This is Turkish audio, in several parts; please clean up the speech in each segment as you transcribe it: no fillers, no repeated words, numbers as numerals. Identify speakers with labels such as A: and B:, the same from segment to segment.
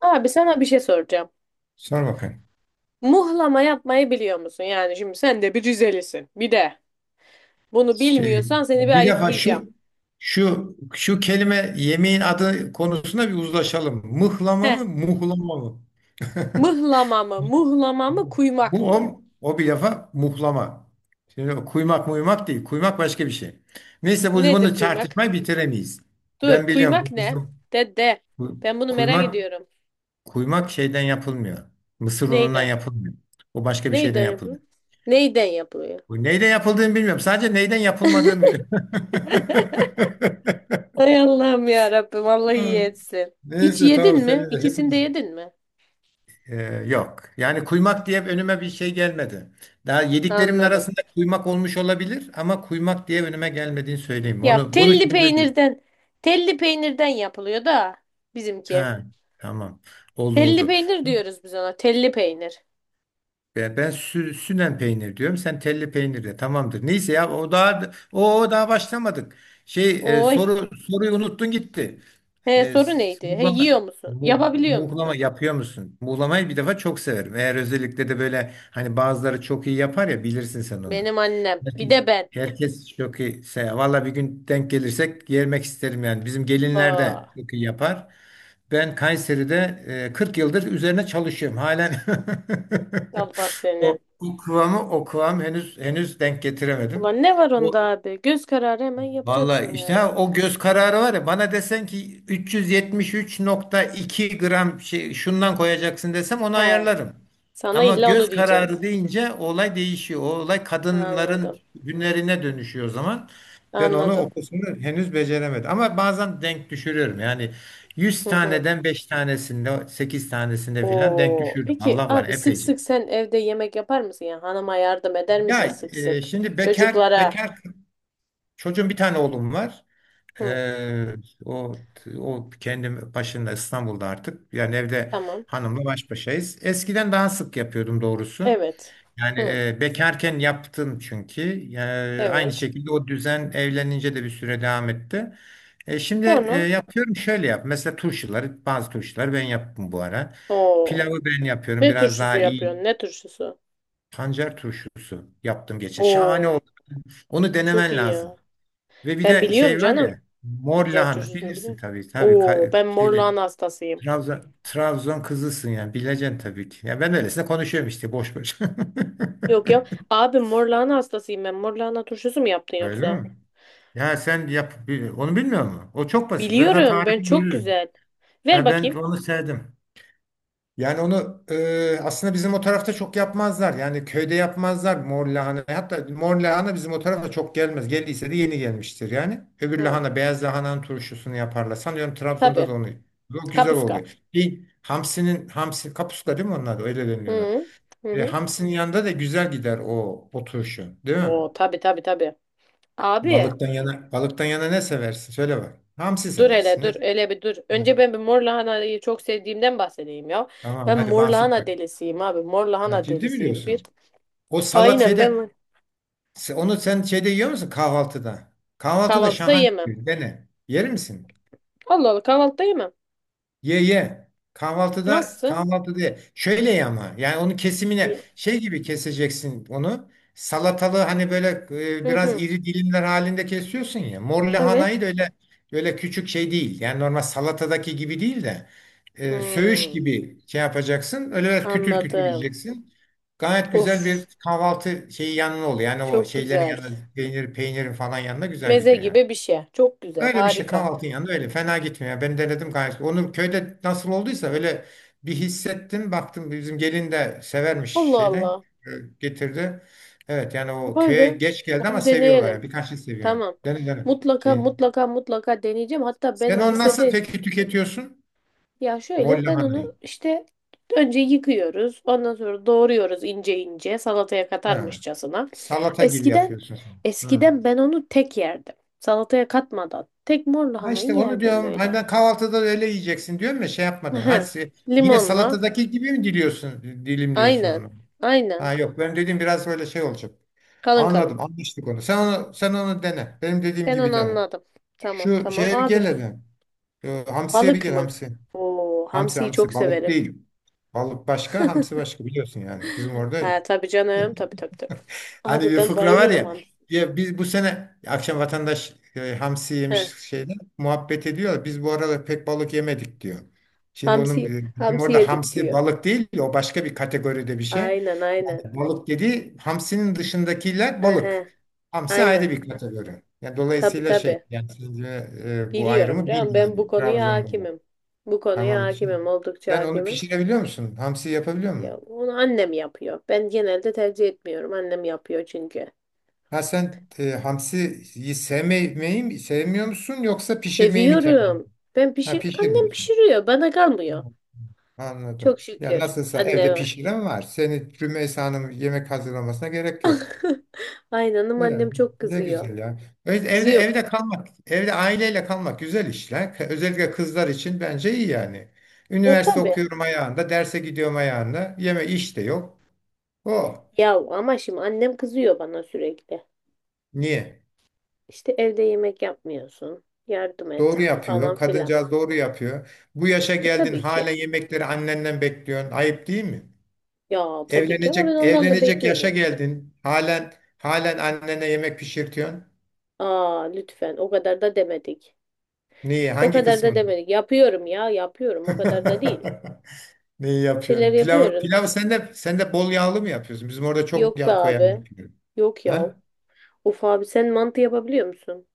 A: Abi sana bir şey soracağım.
B: Sor bakayım.
A: Muhlama yapmayı biliyor musun? Yani şimdi sen de bir Rizelisin. Bir de bunu
B: Şey,
A: bilmiyorsan seni bir
B: bir defa
A: ayıplayacağım.
B: şu kelime yemeğin adı konusunda bir uzlaşalım. Mıhlama
A: Heh.
B: mı, muhlama mı?
A: Mıhlama mı? Muhlama mı?
B: Bu
A: Kuymak
B: bu
A: mı?
B: o bir defa muhlama. Şimdi o kuymak muymak değil. Kuymak başka bir şey. Neyse biz
A: Nedir
B: bunu
A: kuymak?
B: tartışmayı bitiremeyiz.
A: Dur,
B: Ben biliyorum
A: kuymak
B: bu
A: ne?
B: bizim
A: De de.
B: bu
A: Ben bunu merak
B: kuymak
A: ediyorum.
B: kuymak şeyden yapılmıyor. Mısır unundan
A: Neyden?
B: yapılmıyor. O başka bir şeyden
A: Neyden yapılıyor?
B: yapılıyor.
A: Neyden yapılıyor?
B: Bu neyle yapıldığını bilmiyorum. Sadece neyden yapılmadığını biliyorum.
A: Hay Allah'ım ya Rabbim, Allah iyi etsin. Hiç
B: Neyse tamam
A: yedin mi?
B: seninle
A: İkisini de
B: hepimiz.
A: yedin mi?
B: Ee, yok. Yani kuymak diye önüme bir şey gelmedi. Daha yediklerimin
A: Anladım.
B: arasında kuymak olmuş olabilir ama kuymak diye önüme gelmediğini söyleyeyim.
A: Ya
B: Onu bunu
A: telli
B: çözebilirim.
A: peynirden telli peynirden yapılıyor da bizimki.
B: Ha, tamam. Oldu
A: Telli
B: oldu.
A: peynir diyoruz biz ona. Telli peynir.
B: Ben sünen peynir diyorum. Sen telli peynir de. Tamamdır. Neyse ya o daha o daha başlamadık. Şey,
A: Oy.
B: soruyu unuttun gitti.
A: He, soru neydi? He,
B: Muhlama,
A: yiyor musun? Yapabiliyor
B: muhlama
A: musun?
B: yapıyor musun? Muhlamayı bir defa çok severim. Eğer özellikle de böyle hani bazıları çok iyi yapar ya bilirsin sen onu.
A: Benim annem. Bir
B: Herkes,
A: de ben.
B: herkes çok iyi. Valla bir gün denk gelirsek yemek isterim yani. Bizim gelinler de
A: Aa.
B: çok iyi yapar. Ben Kayseri'de 40 yıldır üzerine çalışıyorum. Halen
A: Allah
B: o,
A: seni.
B: o kıvam henüz denk getiremedim.
A: Ulan ne var
B: O,
A: onda abi? Göz kararı hemen yapacaksın
B: Vallahi işte
A: yani.
B: ha, o göz kararı var ya bana desen ki 373,2 gram şey, şundan koyacaksın desem onu
A: He.
B: ayarlarım.
A: Sana
B: Ama
A: illa onu
B: göz
A: diyeceğiz.
B: kararı deyince olay değişiyor. O olay kadınların
A: Anladım.
B: günlerine dönüşüyor o zaman. Ben
A: Anladım.
B: o kısmını henüz beceremedim. Ama bazen denk düşürüyorum. Yani 100
A: Hı hı.
B: taneden 5 tanesinde 8 tanesinde filan denk
A: Oo.
B: düşürdüm.
A: Peki
B: Allah var
A: abi sık
B: epeyce.
A: sık sen evde yemek yapar mısın ya? Hanıma yardım eder misin
B: Ya
A: sık sık?
B: şimdi bekar
A: Çocuklara.
B: bekar çocuğum bir tane oğlum var.
A: Hı.
B: Ee, o o kendim başında İstanbul'da artık. Yani evde
A: Tamam.
B: hanımla baş başayız. Eskiden daha sık yapıyordum doğrusu.
A: Evet.
B: Yani
A: Hı.
B: bekarken yaptım çünkü. Yani aynı
A: Evet.
B: şekilde o düzen evlenince de bir süre devam etti. Şimdi
A: Sonra
B: yapıyorum şöyle yap. Mesela bazı turşuları ben yaptım bu ara.
A: o
B: Pilavı ben yapıyorum
A: ne
B: biraz
A: turşusu
B: daha iyi.
A: yapıyorsun? Ne turşusu?
B: Pancar turşusu yaptım geçen. Şahane
A: Oo,
B: oldu. Onu
A: abi çok
B: denemen
A: iyi
B: lazım.
A: ya.
B: Ve bir
A: Ben
B: de
A: biliyorum
B: şey var
A: canım.
B: ya mor
A: Pancar
B: lahana
A: turşusunu
B: bilirsin
A: biliyorum.
B: tabii tabii
A: Oo, ben mor
B: şeyli
A: lahana hastasıyım.
B: Trabzon kızısın yani bileceksin tabii ki. Ya ben öylesine konuşuyorum işte boş boş.
A: Yok ya. Abi mor lahana hastasıyım ben. Mor lahana turşusu mu yaptın
B: Öyle
A: yoksa?
B: mi? Ya sen onu bilmiyor musun? O çok basit. Ben sana
A: Biliyorum. Ben
B: tarifini
A: çok
B: veririm.
A: güzel. Ver
B: Ya ben
A: bakayım.
B: onu sevdim. Yani onu aslında bizim o tarafta çok yapmazlar. Yani köyde yapmazlar mor lahana. Hatta mor lahana bizim o tarafa çok gelmez. Geldiyse de yeni gelmiştir yani. Öbür
A: Hı.
B: lahana beyaz lahananın turşusunu yaparlar. Sanıyorum Trabzon'da
A: Tabii.
B: da onu. O güzel
A: Kapuska.
B: oluyor. Bir hamsinin hamsi kapuska değil mi onlar da? Öyle deniliyor ona.
A: Hı. Hı hı.
B: Hamsinin yanında da güzel gider o turşu, değil mi?
A: Oo, tabii tabii tabii. Abi.
B: Balıktan yana ne seversin? Söyle bak. Hamsi
A: Dur hele
B: seversin. Ne?
A: dur hele bir dur.
B: Ne?
A: Önce ben bir mor lahanayı çok sevdiğimden bahsedeyim ya.
B: Tamam
A: Ben
B: hadi
A: mor
B: bahset
A: lahana
B: bak.
A: delisiyim abi. Mor
B: Ya,
A: lahana
B: ciddi mi
A: delisiyim bir.
B: diyorsun? O
A: Aynen
B: salatiyede
A: ben
B: Onu sen şeyde yiyor musun kahvaltıda? Kahvaltıda
A: kahvaltıda
B: şahane.
A: yemem.
B: Bir şey. Dene. Yer misin?
A: Allah Allah kahvaltıda yemem.
B: Ye ye. Kahvaltıda
A: Nasıl?
B: kahvaltı diye. Şöyle ye ama yani onu kesimine
A: Yo-
B: şey gibi keseceksin onu. Salatalı hani böyle
A: Hı
B: biraz
A: hı.
B: iri dilimler halinde kesiyorsun ya. Mor lahanayı
A: Evet.
B: da öyle böyle küçük şey değil. Yani normal salatadaki gibi değil de söğüş
A: Hmm,
B: gibi şey yapacaksın. Öyle biraz kütür kütür
A: anladım.
B: yiyeceksin. Gayet güzel
A: Of,
B: bir kahvaltı şeyi yanına oluyor. Yani o
A: çok
B: şeylerin
A: güzel.
B: yanında peynirin falan yanında güzel
A: Meze
B: gidiyor yani.
A: gibi bir şey. Çok güzel,
B: Öyle bir şey
A: harika.
B: kahvaltının yanında öyle fena gitmiyor. Yani ben denedim gayet. Onu köyde nasıl olduysa öyle bir hissettim. Baktım bizim gelin de severmiş
A: Allah
B: şeyden
A: Allah.
B: e, getirdi. Evet yani o
A: Vay
B: köye
A: be.
B: geç geldi ama
A: Onu
B: seviyorlar
A: deneyelim.
B: ya. Birkaç şey seviyor.
A: Tamam.
B: Dene dene.
A: Mutlaka
B: Şeyin.
A: mutlaka mutlaka deneyeceğim. Hatta
B: Sen
A: ben
B: onu nasıl
A: lisede...
B: peki tüketiyorsun?
A: Ya
B: Mor
A: şöyle, ben
B: lahanayı.
A: onu işte önce yıkıyoruz. Ondan sonra doğruyoruz ince ince, salataya
B: Ha.
A: katarmışçasına.
B: Salata gibi
A: Eskiden
B: yapıyorsun sen. Hı.
A: eskiden ben onu tek yerdim. Salataya katmadan. Tek mor
B: Ha
A: lahanayı
B: işte onu
A: yerdim
B: diyorum. Hani
A: böyle.
B: ben kahvaltıda da öyle yiyeceksin diyorum ya şey yapmadan. Ha,
A: Hı.
B: yine
A: Limonla.
B: salatadaki gibi mi dilimliyorsun
A: Aynen.
B: onu?
A: Aynen.
B: Ha yok benim dediğim biraz böyle şey olacak.
A: Kalın kalın.
B: Anladım, anlaştık onu. Sen onu dene. Benim dediğim
A: Ben
B: gibi
A: onu
B: dene.
A: anladım. Tamam
B: Şu
A: tamam.
B: şeye bir
A: Abi,
B: gel hadi. Hamsiye bir
A: balık
B: gel
A: mı?
B: hamsi.
A: Oo,
B: Hamsi
A: hamsiyi çok
B: hamsi balık
A: severim.
B: değil. Balık başka, hamsi başka biliyorsun yani. Bizim orada öyle.
A: Ha, tabii canım. Tabii tabii tabii.
B: Hani
A: Abi,
B: bir
A: ben
B: fıkra var
A: bayılırım
B: ya.
A: hamsi.
B: Ya biz bu sene akşam vatandaş hamsi
A: Heh,
B: yemiş şeyde muhabbet ediyor. Biz bu arada pek balık yemedik diyor. Şimdi onun
A: hamsi
B: bizim
A: hamsi
B: orada
A: yedik
B: hamsi
A: diyor.
B: balık değil, o başka bir kategoride bir şey.
A: Aynen aynen.
B: Balık dedi, hamsinin dışındakiler balık.
A: Aha,
B: Hamsi
A: aynen.
B: ayrı bir kategori. Yani
A: Tabii
B: dolayısıyla şey,
A: tabii.
B: yani sence bu
A: Biliyorum
B: ayrımı
A: canım,
B: bil
A: ben bu
B: yani.
A: konuya
B: Trabzon'da var.
A: hakimim. Bu konuya
B: Tamam. Şimdi,
A: hakimim, oldukça
B: sen onu
A: hakimim.
B: pişirebiliyor musun? Hamsi yapabiliyor
A: Ya
B: musun?
A: onu annem yapıyor. Ben genelde tercih etmiyorum. Annem yapıyor çünkü.
B: Ha sen hamsiyi sevmeyi mi, sevmiyor musun yoksa pişirmeyi mi tercih
A: Seviyorum.
B: ediyorsun?
A: Ben
B: Ha
A: pişir Annem
B: pişirmiyorsun.
A: pişiriyor. Bana kalmıyor.
B: Anladım.
A: Çok
B: Ya
A: şükür
B: nasılsa evde
A: anneme.
B: pişiren var. Seni Rümeysa Hanım yemek hazırlamasına gerek yok.
A: Aynanım, annem
B: Evet,
A: çok
B: ne
A: kızıyor.
B: güzel ya. Evet, evde
A: Kızıyor.
B: evde kalmak, evde aileyle kalmak güzel işler. Özellikle kızlar için bence iyi yani.
A: E
B: Üniversite
A: tabii.
B: okuyorum ayağında, derse gidiyorum ayağında. Yeme iş de yok. O
A: Ya ama şimdi annem kızıyor bana sürekli.
B: niye?
A: İşte evde yemek yapmıyorsun. Yardım
B: Doğru
A: et falan
B: yapıyor.
A: filan.
B: Kadıncağız doğru yapıyor. Bu yaşa
A: E
B: geldin
A: tabii ki.
B: hala yemekleri annenden bekliyorsun. Ayıp değil mi?
A: Ya tabii ki ama ben
B: Evlenecek
A: ondan da
B: evlenecek yaşa
A: beklemiyorum.
B: geldin. Halen halen annene yemek pişirtiyorsun.
A: Aa, lütfen, o kadar da demedik.
B: Niye?
A: O
B: Hangi
A: kadar da
B: kısmını?
A: demedik. Yapıyorum ya, yapıyorum, o kadar da değil.
B: Neyi
A: Bir şeyler
B: yapıyorsun? Pilav,
A: yapıyoruz.
B: pilav sen de bol yağlı mı yapıyorsun? Bizim orada çok
A: Yok be
B: yağ koyan
A: abi.
B: yapıyor.
A: Yok ya.
B: Ha?
A: Of abi, sen mantı yapabiliyor musun?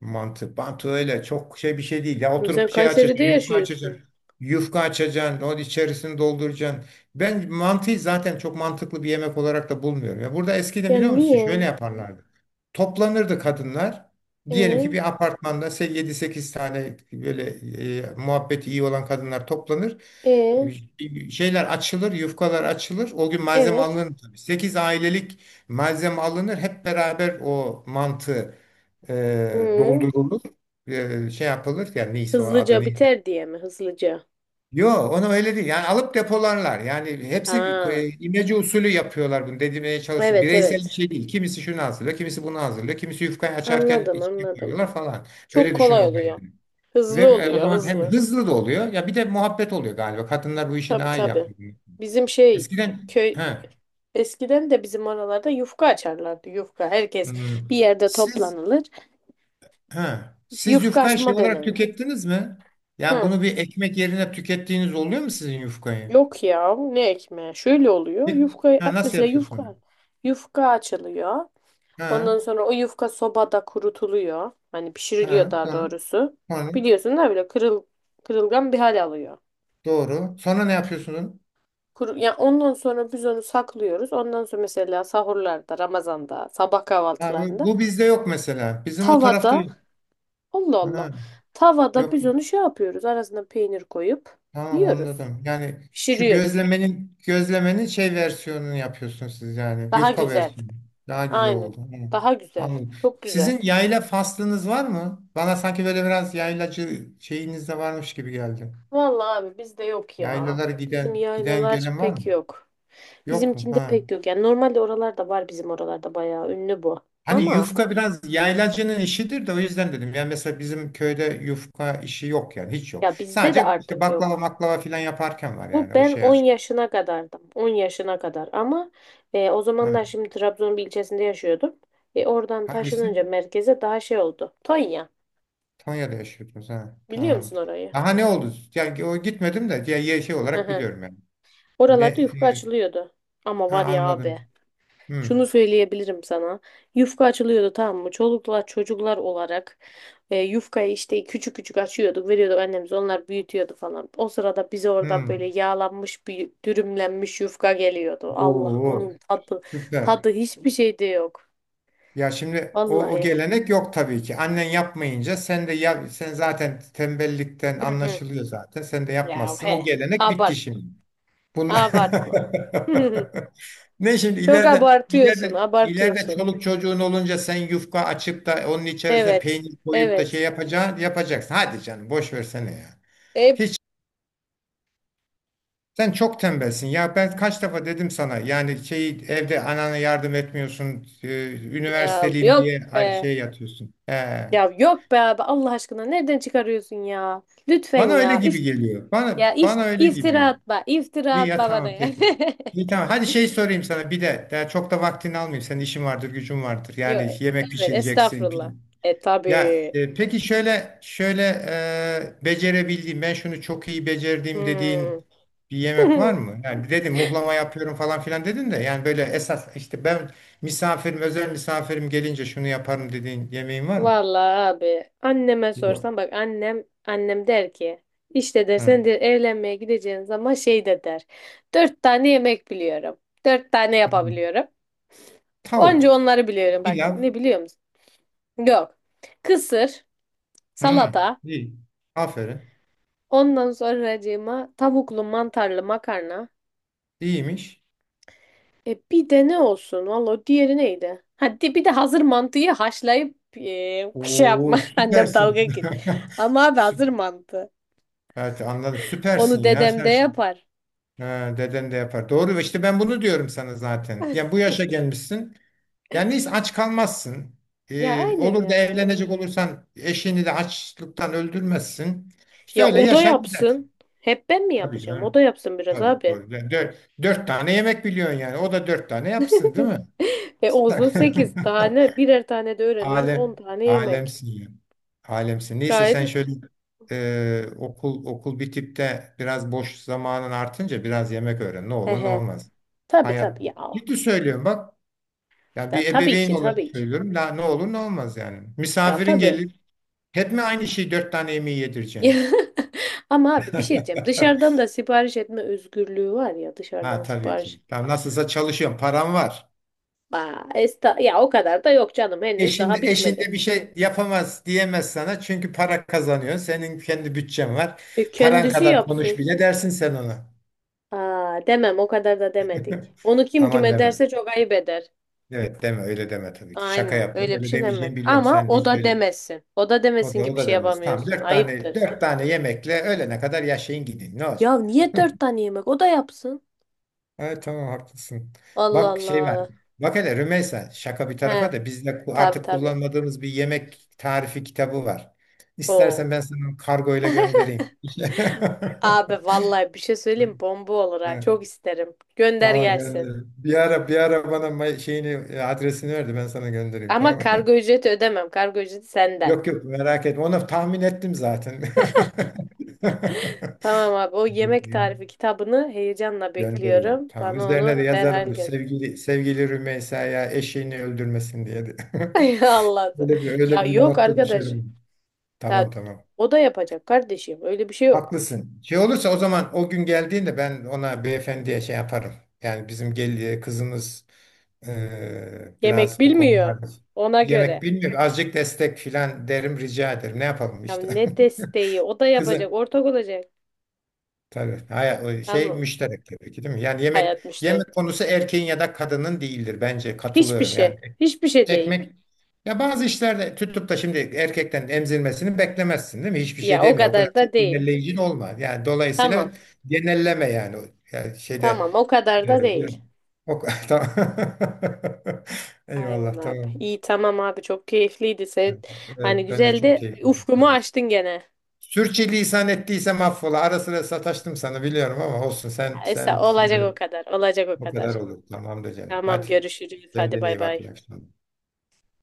B: Mantı, mantı öyle. Çok şey bir şey değil. Ya
A: Şimdi
B: oturup
A: sen
B: bir şey açacaksın.
A: Kayseri'de
B: Yufka
A: yaşıyorsun.
B: açacaksın. Yufka açacaksın. Onun içerisini dolduracaksın. Ben mantıyı zaten çok mantıklı bir yemek olarak da bulmuyorum. Ya burada eskiden
A: Ya
B: biliyor musun? Şöyle
A: niye?
B: yaparlardı. Toplanırdı kadınlar. Diyelim ki
A: E,
B: bir apartmanda 7-8 tane böyle muhabbeti iyi olan kadınlar toplanır.
A: e,
B: Şeyler açılır, yufkalar açılır. O gün malzeme
A: evet.
B: alınır tabii. 8 ailelik malzeme alınır. Hep beraber o mantı
A: Hı.
B: doldurulur, şey yapılır yani neyse o adı
A: Hızlıca
B: neyse.
A: biter diye mi? Hızlıca.
B: Yo onu öyle değil yani alıp depolarlar yani hepsi
A: Ha.
B: imece usulü yapıyorlar bunu dedirmeye çalışıyor.
A: Evet
B: Bireysel bir
A: evet.
B: şey değil kimisi şunu hazırlıyor kimisi bunu hazırlıyor kimisi yufkayı açarken
A: Anladım
B: içine
A: anladım.
B: koyuyorlar falan
A: Çok
B: öyle düşünün
A: kolay
B: olayı
A: oluyor.
B: yani. Ve
A: Hızlı
B: o
A: oluyor
B: zaman hem
A: hızlı.
B: hızlı da oluyor ya bir de muhabbet oluyor galiba kadınlar bu işi
A: Tabii
B: daha iyi
A: tabii.
B: yapıyor.
A: Bizim şey
B: Eskiden he,
A: köy, eskiden de bizim oralarda yufka açarlardı. Yufka herkes
B: hmm,
A: bir yerde
B: siz
A: toplanılır.
B: Ha. Siz
A: Yufka
B: yufkayı şey
A: açma
B: olarak
A: dönemi.
B: tükettiniz mi? Yani
A: Hı.
B: bunu bir ekmek yerine tükettiğiniz oluyor mu sizin yufkayı?
A: Yok ya, ne ekmeği. Şöyle oluyor.
B: Bir-
A: Yufka,
B: Ha, nasıl
A: mesela
B: yapıyorsunuz?
A: yufka açılıyor. Ondan
B: Ha,
A: sonra o yufka sobada kurutuluyor. Hani pişiriliyor
B: ha,
A: daha
B: sonra,
A: doğrusu.
B: sonra,
A: Biliyorsun da böyle kırılgan bir hal alıyor.
B: doğru. Sonra ne yapıyorsunuz?
A: Kuru, ya ondan sonra biz onu saklıyoruz. Ondan sonra mesela sahurlarda, Ramazan'da, sabah
B: Ha, bu
A: kahvaltılarında,
B: bu bizde yok mesela. Bizim o tarafta
A: tavada...
B: yok.
A: Allah Allah.
B: Ha,
A: Tavada
B: yok.
A: biz onu şey yapıyoruz. Arasına peynir koyup
B: Tamam
A: yiyoruz.
B: anladım. Yani şu
A: Pişiriyoruz.
B: gözlemenin şey versiyonunu yapıyorsunuz siz yani.
A: Daha
B: Yufka
A: güzel.
B: versiyonu. Daha güzel
A: Aynen.
B: oldu. Hı,
A: Daha güzel.
B: anladım.
A: Çok güzel.
B: Sizin yayla faslınız var mı? Bana sanki böyle biraz yaylacı şeyiniz de varmış gibi geldi.
A: Vallahi abi bizde yok ya.
B: Yaylalara
A: Bizim
B: giden
A: yaylalar
B: gelen var
A: pek
B: mı?
A: yok.
B: Yok mu?
A: Bizimkinde
B: Ha.
A: pek yok. Yani normalde oralarda var, bizim oralarda bayağı ünlü bu.
B: Hani
A: Ama
B: yufka biraz yaylacının işidir de o yüzden dedim. Yani mesela bizim köyde yufka işi yok yani hiç yok.
A: ya bizde de
B: Sadece işte
A: artık
B: baklava
A: yok.
B: maklava filan yaparken var
A: Bu
B: yani o
A: ben
B: şey
A: 10
B: açma.
A: yaşına kadardım. 10 yaşına kadar ama o
B: Hı.
A: zamanlar şimdi Trabzon'un bir ilçesinde yaşıyordum. E, oradan
B: Hangisi?
A: taşınınca merkeze daha şey oldu. Tonya.
B: Konya'da yaşıyordunuz ha.
A: Biliyor musun
B: Tamamdır.
A: orayı?
B: Aha ne oldu? Yani o gitmedim de ya şey
A: Hı
B: olarak
A: hı.
B: biliyorum yani. Ne
A: Oralarda yufka açılıyordu. Ama
B: ha,
A: var ya abi.
B: anladım. Hmm.
A: Şunu söyleyebilirim sana. Yufka açılıyordu, tamam mı? Çoluklar çocuklar olarak yufkayı işte küçük küçük açıyorduk. Veriyorduk annemiz. Onlar büyütüyordu falan. O sırada bize orada böyle
B: Hmm.
A: yağlanmış bir dürümlenmiş yufka geliyordu. Allah'ım,
B: Oo,
A: onun tadı,
B: süper.
A: tadı hiçbir şeyde yok.
B: Ya şimdi o
A: Vallahi.
B: gelenek yok tabii ki. Annen yapmayınca sen de ya sen zaten tembellikten
A: Hı hı.
B: anlaşılıyor zaten. Sen de
A: Ya
B: yapmazsın. O
A: he.
B: gelenek bitti
A: Abartma.
B: şimdi. Bunlar
A: Abartma.
B: Ne şimdi
A: Çok
B: ileride
A: abartıyorsun.
B: ileride ileride
A: Abartıyorsun.
B: çoluk çocuğun olunca sen yufka açıp da onun içerisine
A: Evet.
B: peynir koyup da şey
A: Evet.
B: yapacaksın. Hadi canım boş versene ya.
A: Hep
B: Hiç sen çok tembelsin ya ben kaç defa dedim sana yani şey evde anana yardım etmiyorsun
A: ya
B: üniversiteliyim
A: yok
B: diye
A: be.
B: ay şey yatıyorsun. He.
A: Ya yok be abi, Allah aşkına nereden çıkarıyorsun ya? Lütfen
B: Bana öyle
A: ya. İf
B: gibi geliyor.
A: ya
B: Bana
A: if
B: bana öyle
A: iftira
B: gibi.
A: atma. İftira
B: İyi ya
A: atma bana
B: tamam
A: ya.
B: peki. İyi tamam. Hadi şey sorayım sana bir de. Daha çok da vaktini almayayım. Senin işin vardır, gücün vardır.
A: Yok,
B: Yani yemek
A: evet, estağfurullah.
B: pişireceksin.
A: E
B: Ya
A: tabii.
B: peki şöyle becerebildiğim ben şunu çok iyi becerdiğim dediğin
A: Hmm.
B: bir yemek var mı? Yani dedim muhlama yapıyorum falan filan dedin de yani böyle esas işte ben özel misafirim gelince şunu yaparım dediğin yemeğin var mı?
A: Vallahi abi, anneme
B: Yok.
A: sorsan bak, annem der ki, işte der, sen
B: Hı.
A: der evlenmeye gideceğin zaman, şey de der. Dört tane yemek biliyorum. Dört tane
B: Hı.
A: yapabiliyorum.
B: Tavuk,
A: Onca onları biliyorum bak.
B: pilav.
A: Ne biliyor... Yok. Kısır,
B: Hı.
A: salata,
B: İyi. Aferin.
A: ondan sonracığıma tavuklu mantarlı makarna.
B: İyiymiş.
A: Bir de ne olsun? Valla diğeri neydi? Hadi bir de hazır mantıyı haşlayıp şey
B: Oo
A: yapma. Annem
B: süpersin.
A: dalga git. Ama abi
B: Sü-
A: hazır mantı.
B: Evet anladım. Süpersin
A: Onu
B: ya
A: dedem de
B: sen.
A: yapar.
B: Ha, deden de yapar. Doğru işte ben bunu diyorum sana zaten. Yani bu yaşa gelmişsin. Yani neyse aç kalmazsın.
A: Ya aynen
B: Olur da
A: ya.
B: evlenecek olursan eşini de açlıktan öldürmezsin. İşte
A: Ya
B: öyle
A: o da
B: yaşar gidersin.
A: yapsın. Hep ben mi
B: Tabii
A: yapacağım? O
B: canım.
A: da yapsın biraz
B: Tabii,
A: abi.
B: doğru. Yani dört tane yemek biliyorsun yani. O da dört tane yapsın değil mi?
A: Olsun 8 tane, birer tane de öğreniriz. 10 tane yemek.
B: Alemsin ya. Alemsin. Neyse sen
A: Gayet.
B: şöyle okul bitip de biraz boş zamanın artınca biraz yemek öğren. Ne
A: He
B: olur ne
A: he.
B: olmaz.
A: Tabii tabii
B: Hayat.
A: ya.
B: Ciddi söylüyorum bak. Ya
A: Ya
B: bir
A: tabii
B: ebeveyn
A: ki
B: olarak
A: tabii ki.
B: söylüyorum. La, ne olur ne olmaz yani.
A: Ya
B: Misafirin
A: tabii.
B: gelir. Hep mi aynı şeyi dört tane yemeği yedireceksin?
A: Ama abi bir şey diyeceğim. Dışarıdan da sipariş etme özgürlüğü var ya,
B: Ha
A: dışarıdan
B: tabii
A: sipariş.
B: ki. Tamam nasılsa çalışıyorum. Param var.
A: Aa, esta ya, o kadar da yok canım, henüz
B: Eşinde,
A: daha bitmedi.
B: eşinde bir şey yapamaz diyemez sana. Çünkü para kazanıyor. Senin kendi bütçen var.
A: E,
B: Paran
A: kendisi
B: kadar konuş
A: yapsın.
B: bile dersin sen ona.
A: Aa, demem, o kadar da demedik. Onu kim
B: Aman
A: kime
B: deme.
A: derse çok ayıp eder.
B: Evet deme öyle deme tabii ki. Şaka
A: Aynen,
B: yapıyorum.
A: öyle bir
B: Öyle
A: şey
B: demeyeceğini
A: demedik.
B: biliyorum.
A: Ama
B: Sen de
A: o
B: hiç
A: da
B: öyle.
A: demesin. O da
B: O
A: demesin
B: da,
A: ki
B: o
A: bir
B: da
A: şey
B: demez. Tamam
A: yapamıyorsun. Ayıptır.
B: dört tane yemekle öğlene kadar yaşayın gidin. Ne olacak?
A: Ya niye dört tane yemek? O da yapsın.
B: Evet tamam haklısın.
A: Allah
B: Bak şey var.
A: Allah.
B: Bak hele Rümeysa şaka bir tarafa
A: He,
B: da bizde
A: tabii
B: artık
A: tabii.
B: kullanmadığımız bir yemek tarifi kitabı var.
A: Oo.
B: İstersen ben sana kargoyla göndereyim.
A: Abi vallahi bir şey söyleyeyim, bomba olur ha.
B: Evet,
A: Çok isterim. Gönder
B: tamam
A: gelsin.
B: gönder. Bir ara bana adresini ver de ben sana göndereyim
A: Ama
B: tamam
A: kargo
B: mı?
A: ücreti ödemem. Kargo ücreti senden.
B: Yok yok merak etme. Onu tahmin ettim zaten.
A: Tamam abi, o yemek tarifi kitabını heyecanla
B: Gönderiyorum.
A: bekliyorum.
B: Tamam.
A: Bana
B: Üzerine de
A: onu derhal
B: yazarım.
A: gönder.
B: Sevgili Rümeysa'ya eşeğini öldürmesin diye de.
A: Allah'ım. Ya
B: Öyle bir
A: yok
B: not da
A: arkadaş.
B: düşerim. Tamam
A: Ya,
B: tamam.
A: o da yapacak kardeşim. Öyle bir şey yok.
B: Haklısın. Şey olursa o zaman o gün geldiğinde ben ona beyefendiye şey yaparım. Yani bizim kızımız
A: Yemek
B: biraz bu
A: bilmiyor.
B: konularda
A: Ona
B: yemek
A: göre.
B: bilmiyor. Azıcık destek filan derim rica ederim. Ne yapalım
A: Ya
B: işte.
A: ne desteği? O da yapacak.
B: Kızı
A: Ortak olacak.
B: tabii. Hayır, o şey
A: Tamam.
B: müşterek tabii ki değil mi? Yani yemek
A: Hayat müşteri.
B: yemek konusu erkeğin ya da kadının değildir bence.
A: Hiçbir
B: Katılıyorum.
A: şey.
B: Yani
A: Hiçbir şey değil.
B: Ekmek. Ya bazı işlerde tutup da şimdi erkekten emzirmesini beklemezsin değil mi? Hiçbir şey
A: Ya o
B: demiyor. O kadar
A: kadar da
B: çok
A: değil.
B: genelleyici olma. Yani
A: Tamam.
B: dolayısıyla genelleme yani. Yani şeyde
A: Tamam, o kadar da
B: e, bu-
A: değil.
B: o, tamam.
A: Aynen
B: Eyvallah
A: abi.
B: tamam.
A: İyi, tamam abi, çok keyifliydi. Sen,
B: Evet
A: hani
B: ben de çok
A: güzeldi.
B: keyif aldım.
A: Ufkumu
B: Evet.
A: açtın gene.
B: Sürçülisan ettiysem affola. Ara sıra sataştım sana biliyorum ama olsun sen
A: Esa, olacak o
B: e,
A: kadar. Olacak o
B: o
A: kadar.
B: kadar olur. Tamamdır canım.
A: Tamam,
B: Hadi
A: görüşürüz. Hadi
B: kendine
A: bay
B: iyi bak
A: bay.
B: iyi akşamlar.